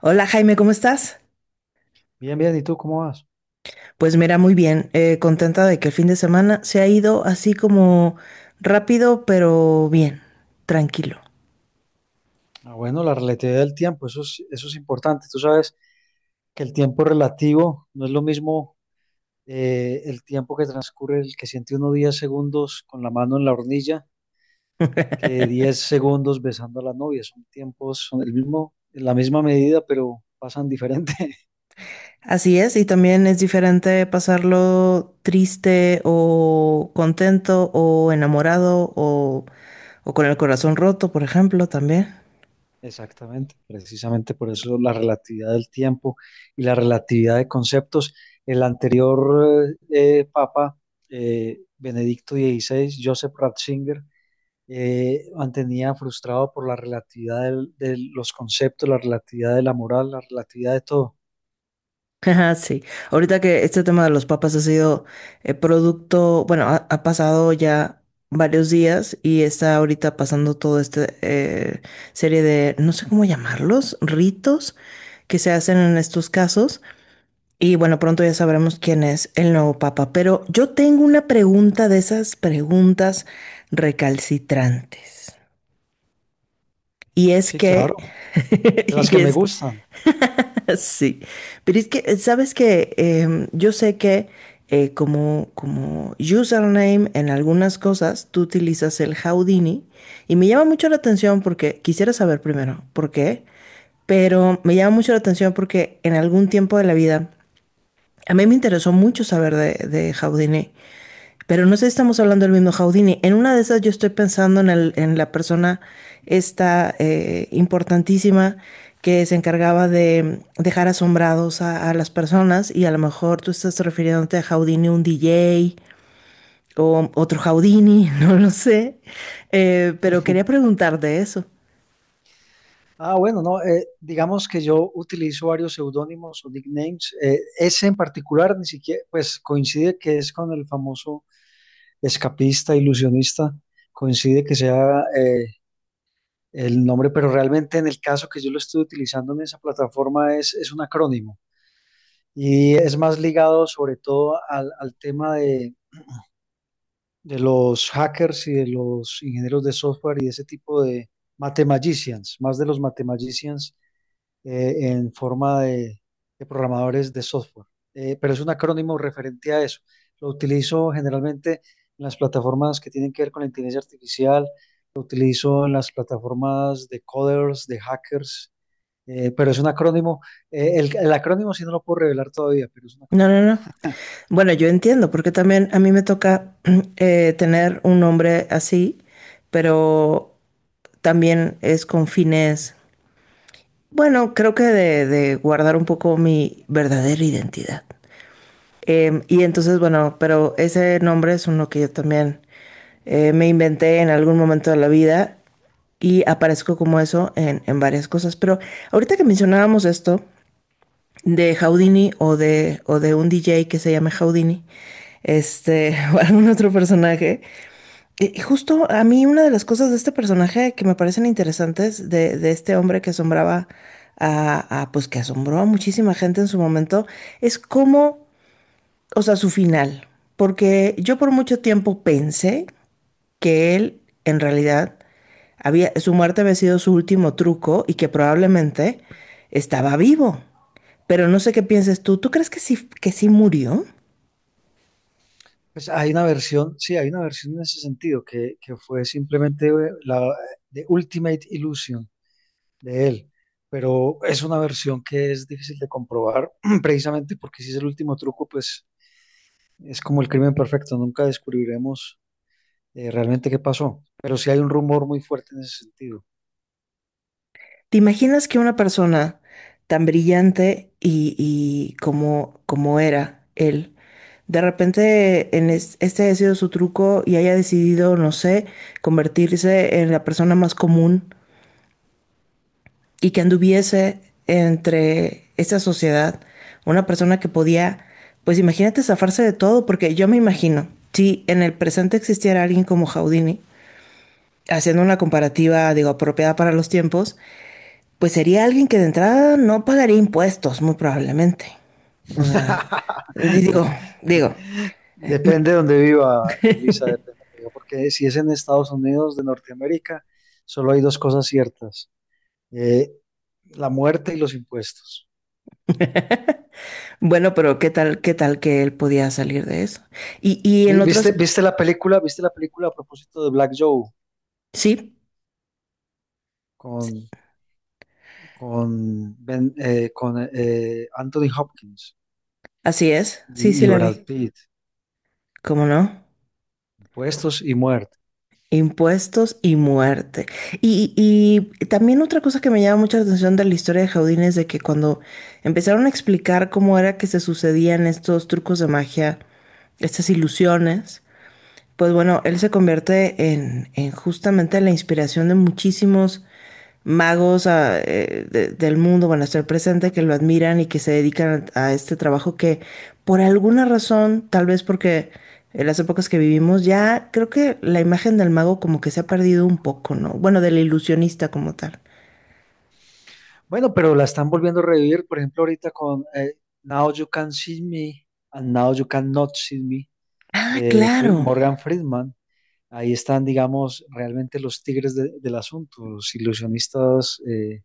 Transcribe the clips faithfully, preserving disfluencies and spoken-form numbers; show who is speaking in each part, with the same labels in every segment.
Speaker 1: Hola Jaime, ¿cómo estás?
Speaker 2: Bien, bien, ¿y tú cómo vas?
Speaker 1: Pues mira, muy bien, eh, contenta de que el fin de semana se ha ido así como rápido, pero bien, tranquilo.
Speaker 2: Ah, bueno, la relatividad del tiempo, eso es, eso es importante. Tú sabes que el tiempo relativo no es lo mismo eh, el tiempo que transcurre, el que siente uno diez segundos con la mano en la hornilla, que diez segundos besando a la novia. Son tiempos, son el mismo, la misma medida, pero pasan diferente.
Speaker 1: Así es, y también es diferente pasarlo triste o contento o enamorado o, o con el corazón roto, por ejemplo, también.
Speaker 2: Exactamente, precisamente por eso la relatividad del tiempo y la relatividad de conceptos. El anterior eh, eh, papa, eh, Benedicto dieciséis, Joseph Ratzinger, eh, mantenía frustrado por la relatividad del- de los conceptos, la relatividad de la moral, la relatividad de todo.
Speaker 1: Ajá, sí, ahorita que este tema de los papas ha sido eh, producto, bueno, ha, ha pasado ya varios días y está ahorita pasando toda esta serie de, no sé cómo llamarlos, ritos que se hacen en estos casos. Y bueno, pronto ya sabremos quién es el nuevo papa. Pero yo tengo una pregunta de esas preguntas recalcitrantes. Y es
Speaker 2: Sí, claro,
Speaker 1: que,
Speaker 2: de las que
Speaker 1: y
Speaker 2: me
Speaker 1: es
Speaker 2: gustan.
Speaker 1: sí, pero es que, ¿sabes que yo sé que eh, como, como username en algunas cosas tú utilizas el Houdini y me llama mucho la atención porque quisiera saber primero por qué, pero me llama mucho la atención porque en algún tiempo de la vida a mí me interesó mucho saber de, de Houdini, pero no sé si estamos hablando del mismo Houdini? En una de esas yo estoy pensando en, el- en la persona esta eh, importantísima que se encargaba de dejar asombrados a, a las personas, y a lo mejor tú estás refiriéndote a Houdini, un D J o otro Houdini, no lo sé. Eh, pero quería preguntarte eso.
Speaker 2: Ah, bueno, no, eh, digamos que yo utilizo varios seudónimos o nicknames. Eh, ese en particular ni siquiera, pues coincide que es con el famoso escapista, ilusionista, coincide que sea eh, el nombre, pero realmente en el caso que yo lo estoy utilizando en esa plataforma es, es un acrónimo y es más ligado sobre todo al, al tema de, de los hackers y de los ingenieros de software y de ese tipo de mathemagicians, más de los mathemagicians eh, en forma de, de programadores de software. Eh, pero es un acrónimo referente a eso. Lo utilizo generalmente en las plataformas que tienen que ver con la inteligencia artificial, lo utilizo en las plataformas de coders, de hackers, eh, pero es un acrónimo. Eh, el, el acrónimo sí no lo puedo revelar todavía, pero es un
Speaker 1: No, no,
Speaker 2: acrónimo.
Speaker 1: no. Bueno, yo entiendo, porque también a mí me toca eh, tener un nombre así, pero también es con fines. Bueno, creo que de, de guardar un poco mi verdadera identidad. Em, y entonces, bueno, pero ese nombre es uno que yo también, eh, me inventé en algún momento de la vida y aparezco como eso en, en varias cosas. Pero ahorita que mencionábamos esto de Houdini o de, o de un D J que se llame Houdini, este, o algún otro personaje, y y justo a mí una de las cosas de este personaje que me parecen interesantes de, de este hombre que asombraba a, a, pues que asombró a muchísima gente en su momento, es cómo, o sea, su final. Porque yo por mucho tiempo pensé que él, en realidad, había, su muerte había sido su último truco y que probablemente estaba vivo. Pero no sé qué pienses tú. ¿Tú crees que sí, que sí murió?
Speaker 2: Pues hay una versión, sí, hay una versión en ese sentido que, que fue simplemente eh, la de Ultimate Illusion de él, pero es una versión que es difícil de comprobar precisamente porque si es el último truco, pues es como el crimen perfecto, nunca descubriremos eh, realmente qué pasó, pero sí hay un rumor muy fuerte en ese sentido.
Speaker 1: ¿Te imaginas que una persona tan brillante y, y como, como era él, de repente en es- este haya sido su truco y haya decidido, no sé, convertirse en la persona más común y que anduviese entre esta sociedad, una persona que podía, pues imagínate zafarse de todo? Porque yo me imagino, si en el presente existiera alguien como Houdini, haciendo una comparativa, digo, apropiada para los tiempos, pues sería alguien que de entrada no pagaría impuestos, muy probablemente. O sea, di- digo, digo,
Speaker 2: Depende de donde viva, Elisa, depende donde viva, porque si es en Estados Unidos de Norteamérica, solo hay dos cosas ciertas, eh, la muerte y los impuestos.
Speaker 1: bueno, pero qué tal, qué tal que él podía salir de eso. Y, y en
Speaker 2: Vi- ¿Viste,
Speaker 1: otros,
Speaker 2: ¿Viste la película? ¿Viste la película a propósito de Black Joe
Speaker 1: sí,
Speaker 2: con con, Ben- eh, con eh, Anthony Hopkins
Speaker 1: así es, sí,
Speaker 2: y,
Speaker 1: sí
Speaker 2: y
Speaker 1: la vi.
Speaker 2: Brad Pitt,
Speaker 1: ¿Cómo no?
Speaker 2: Puestos y Muerte.
Speaker 1: Impuestos y muerte. Y, y y también otra cosa que me llama mucha atención de la historia de Jaudine es de que cuando empezaron a explicar cómo era que se sucedían estos trucos de magia, estas ilusiones, pues bueno, él se convierte en, en justamente la inspiración de muchísimos magos, ah, eh, de- del mundo, bueno, hasta el presente, que lo admiran y que se dedican a, a este trabajo que por alguna razón, tal vez porque en las épocas que vivimos, ya creo que la imagen del mago como que se ha perdido un poco, ¿no? Bueno, del ilusionista como tal.
Speaker 2: Bueno, pero la están volviendo a revivir, por ejemplo, ahorita con eh, Now You Can See Me and Now You Can Not See Me
Speaker 1: Ah,
Speaker 2: de Fri-
Speaker 1: claro.
Speaker 2: Morgan Friedman. Ahí están, digamos, realmente los tigres de- del asunto, los ilusionistas, eh,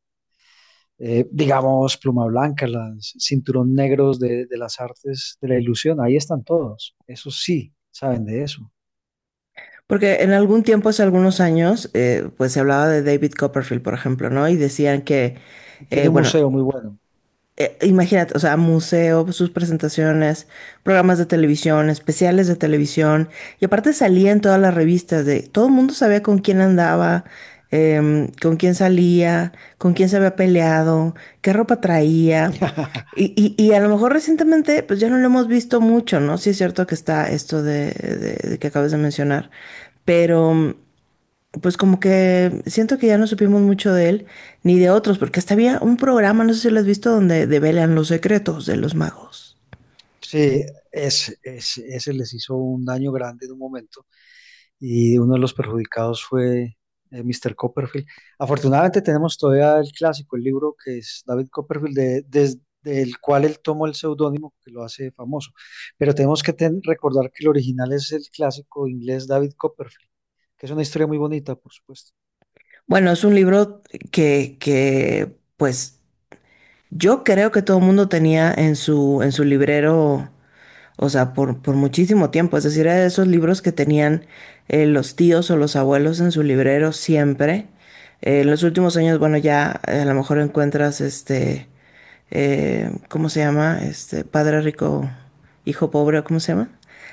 Speaker 2: eh, digamos, pluma blanca, los cinturón negros de, de las artes de la ilusión. Ahí están todos. Eso sí, saben de eso.
Speaker 1: Porque en algún tiempo, hace algunos años, eh, pues se hablaba de David Copperfield, por ejemplo, ¿no? Y decían que,
Speaker 2: Y
Speaker 1: eh,
Speaker 2: tiene un
Speaker 1: bueno,
Speaker 2: museo muy bueno.
Speaker 1: eh, imagínate, o sea, museo, sus presentaciones, programas de televisión, especiales de televisión, y aparte salía en todas las revistas de, todo el mundo sabía con quién andaba, em, con quién salía, con quién se había peleado, qué ropa traía. Y, y- y a lo mejor recientemente, pues ya no lo hemos visto mucho, ¿no? Sí es cierto que está esto de, de- de que acabas de mencionar, pero pues como que siento que ya no supimos mucho de él ni de otros, porque hasta había un programa, no sé si lo has visto, donde develan los secretos de los magos.
Speaker 2: Sí, es, es- ese les hizo un daño grande en un momento y uno de los perjudicados fue eh, mister Copperfield. Afortunadamente tenemos todavía el clásico, el libro que es David Copperfield, de- desde el cual él tomó el seudónimo que lo hace famoso. Pero tenemos que ten- recordar que el original es el clásico inglés David Copperfield, que es una historia muy bonita, por supuesto.
Speaker 1: Bueno, es un libro que, que pues yo creo que todo el mundo tenía en su, en su librero, o sea, por, por muchísimo tiempo. Es decir, era de esos libros que tenían eh, los tíos o los abuelos en su librero siempre. Eh, en los últimos años, bueno, ya eh, a lo mejor encuentras este, eh, ¿cómo se llama? Este, Padre Rico, Hijo Pobre, ¿cómo se llama?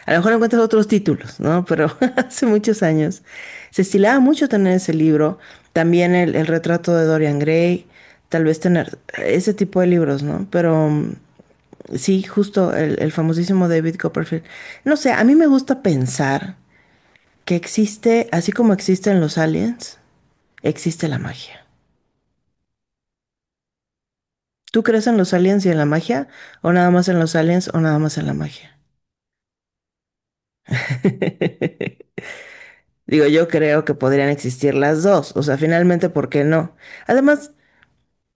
Speaker 1: A lo mejor encuentras otros títulos, ¿no? Pero hace muchos años se estilaba mucho tener ese libro, también el, el retrato de Dorian Gray, tal vez tener ese tipo de libros, ¿no? Pero mm, sí, justo el, el famosísimo David Copperfield. No sé, a mí me gusta pensar que existe, así como existen los aliens, existe la magia. ¿Tú crees en los aliens y en la magia? ¿O nada más en los aliens o nada más en la magia? Digo, yo creo que podrían existir las dos, o sea, finalmente, ¿por qué no? Además,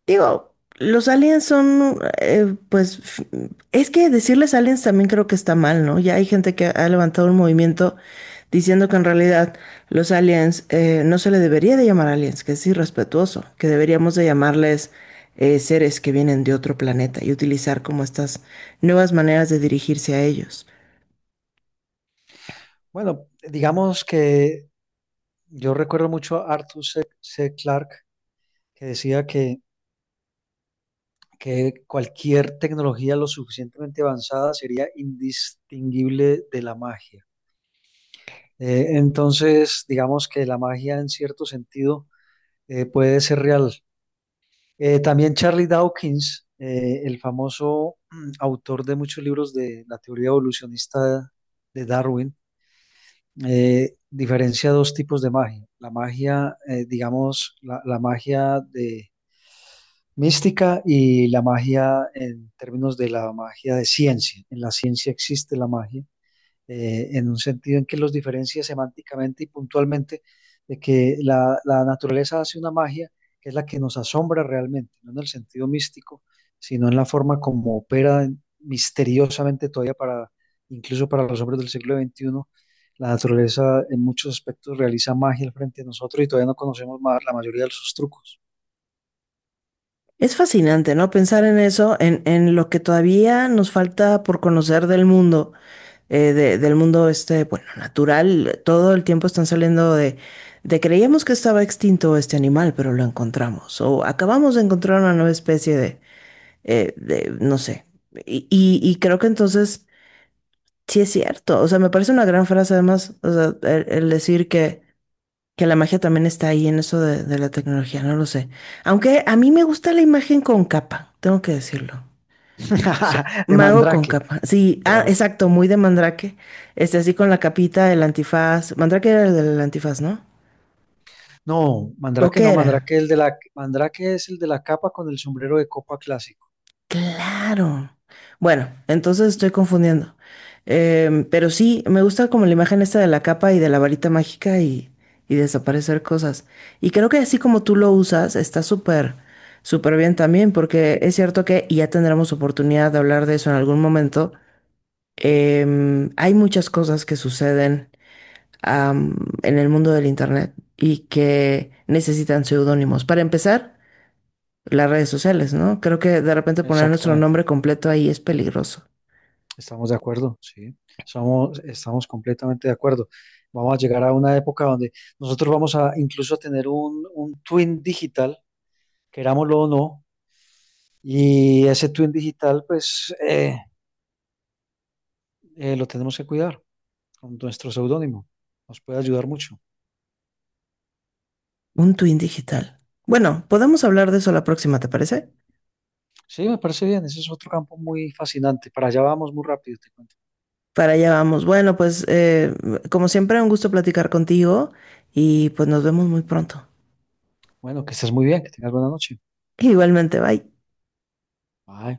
Speaker 1: digo, los aliens son, eh, pues, f- es que decirles aliens también creo que está mal, ¿no? Ya hay gente que ha levantado un movimiento diciendo que en realidad los aliens eh, no se le debería de llamar aliens, que es irrespetuoso, que deberíamos de llamarles eh, seres que vienen de otro planeta y utilizar como estas nuevas maneras de dirigirse a ellos.
Speaker 2: Bueno, digamos que yo recuerdo mucho a Arthur C. C. Clarke, que decía que que cualquier tecnología lo suficientemente avanzada sería indistinguible de la magia. Eh, entonces, digamos que la magia en cierto sentido eh, puede ser real. Eh, también Charlie Dawkins, eh, el famoso mm, autor de muchos libros de la teoría evolucionista de Darwin, eh, diferencia dos tipos de magia. La magia, eh, digamos, la, la magia de mística y la magia en términos de la magia de ciencia. En la ciencia existe la magia, eh, en un sentido en que los diferencia semánticamente y puntualmente de que la, la naturaleza hace una magia que es la que nos asombra realmente, no en el sentido místico, sino en la forma como opera en- misteriosamente todavía para, incluso para los hombres del siglo veintiuno. La naturaleza en muchos aspectos realiza magia al frente de nosotros y todavía no conocemos más la mayoría de sus trucos.
Speaker 1: Es fascinante, ¿no?, pensar en eso, en, en lo que todavía nos falta por conocer del mundo, eh, de- del mundo este, bueno, natural. Todo el tiempo están saliendo de, de creíamos que estaba extinto este animal, pero lo encontramos. O acabamos de encontrar una nueva especie de, eh, de no sé. Y, y, y creo que entonces sí es cierto. O sea, me parece una gran frase además, o sea, el, el decir que que la magia también está ahí en eso de, de la tecnología, no lo sé. Aunque a mí me gusta la imagen con capa, tengo que decirlo. O sea,
Speaker 2: De
Speaker 1: mago con
Speaker 2: mandrake.
Speaker 1: capa. Sí, ah,
Speaker 2: Mandrake.
Speaker 1: exacto, muy de Mandrake. Este, así con la capita, el antifaz. Mandrake era el del antifaz, ¿no?
Speaker 2: No,
Speaker 1: ¿O
Speaker 2: Mandrake
Speaker 1: qué
Speaker 2: no,
Speaker 1: era?
Speaker 2: Mandrake, el de la, Mandrake es el de la capa con el sombrero de copa clásico.
Speaker 1: Claro. Bueno, entonces estoy confundiendo. Em, pero sí, me gusta como la imagen esta de la capa y de la varita mágica y, y desaparecer cosas. Y creo que así como tú lo usas, está súper, súper bien también, porque es cierto que, y ya tendremos oportunidad de hablar de eso en algún momento, em, hay muchas cosas que suceden, am, en el mundo del internet y que necesitan seudónimos. Para empezar, las redes sociales, ¿no? Creo que de repente poner nuestro
Speaker 2: Exactamente,
Speaker 1: nombre completo ahí es peligroso.
Speaker 2: estamos de acuerdo, sí, somos, estamos completamente de acuerdo. Vamos a llegar a una época donde nosotros vamos a incluso a tener un, un twin digital, querámoslo o no, y ese twin digital, pues eh, eh, lo tenemos que cuidar con nuestro seudónimo. Nos puede ayudar mucho.
Speaker 1: Un twin digital. Bueno, podemos hablar de eso la próxima, ¿te parece?
Speaker 2: Sí, me parece bien, ese es otro campo muy fascinante. Para allá vamos muy rápido, te cuento.
Speaker 1: Para allá vamos. Bueno, pues eh, como siempre, un gusto platicar contigo y pues nos vemos muy pronto.
Speaker 2: Bueno, que estés muy bien, que tengas buena noche.
Speaker 1: Igualmente, bye.
Speaker 2: Ah,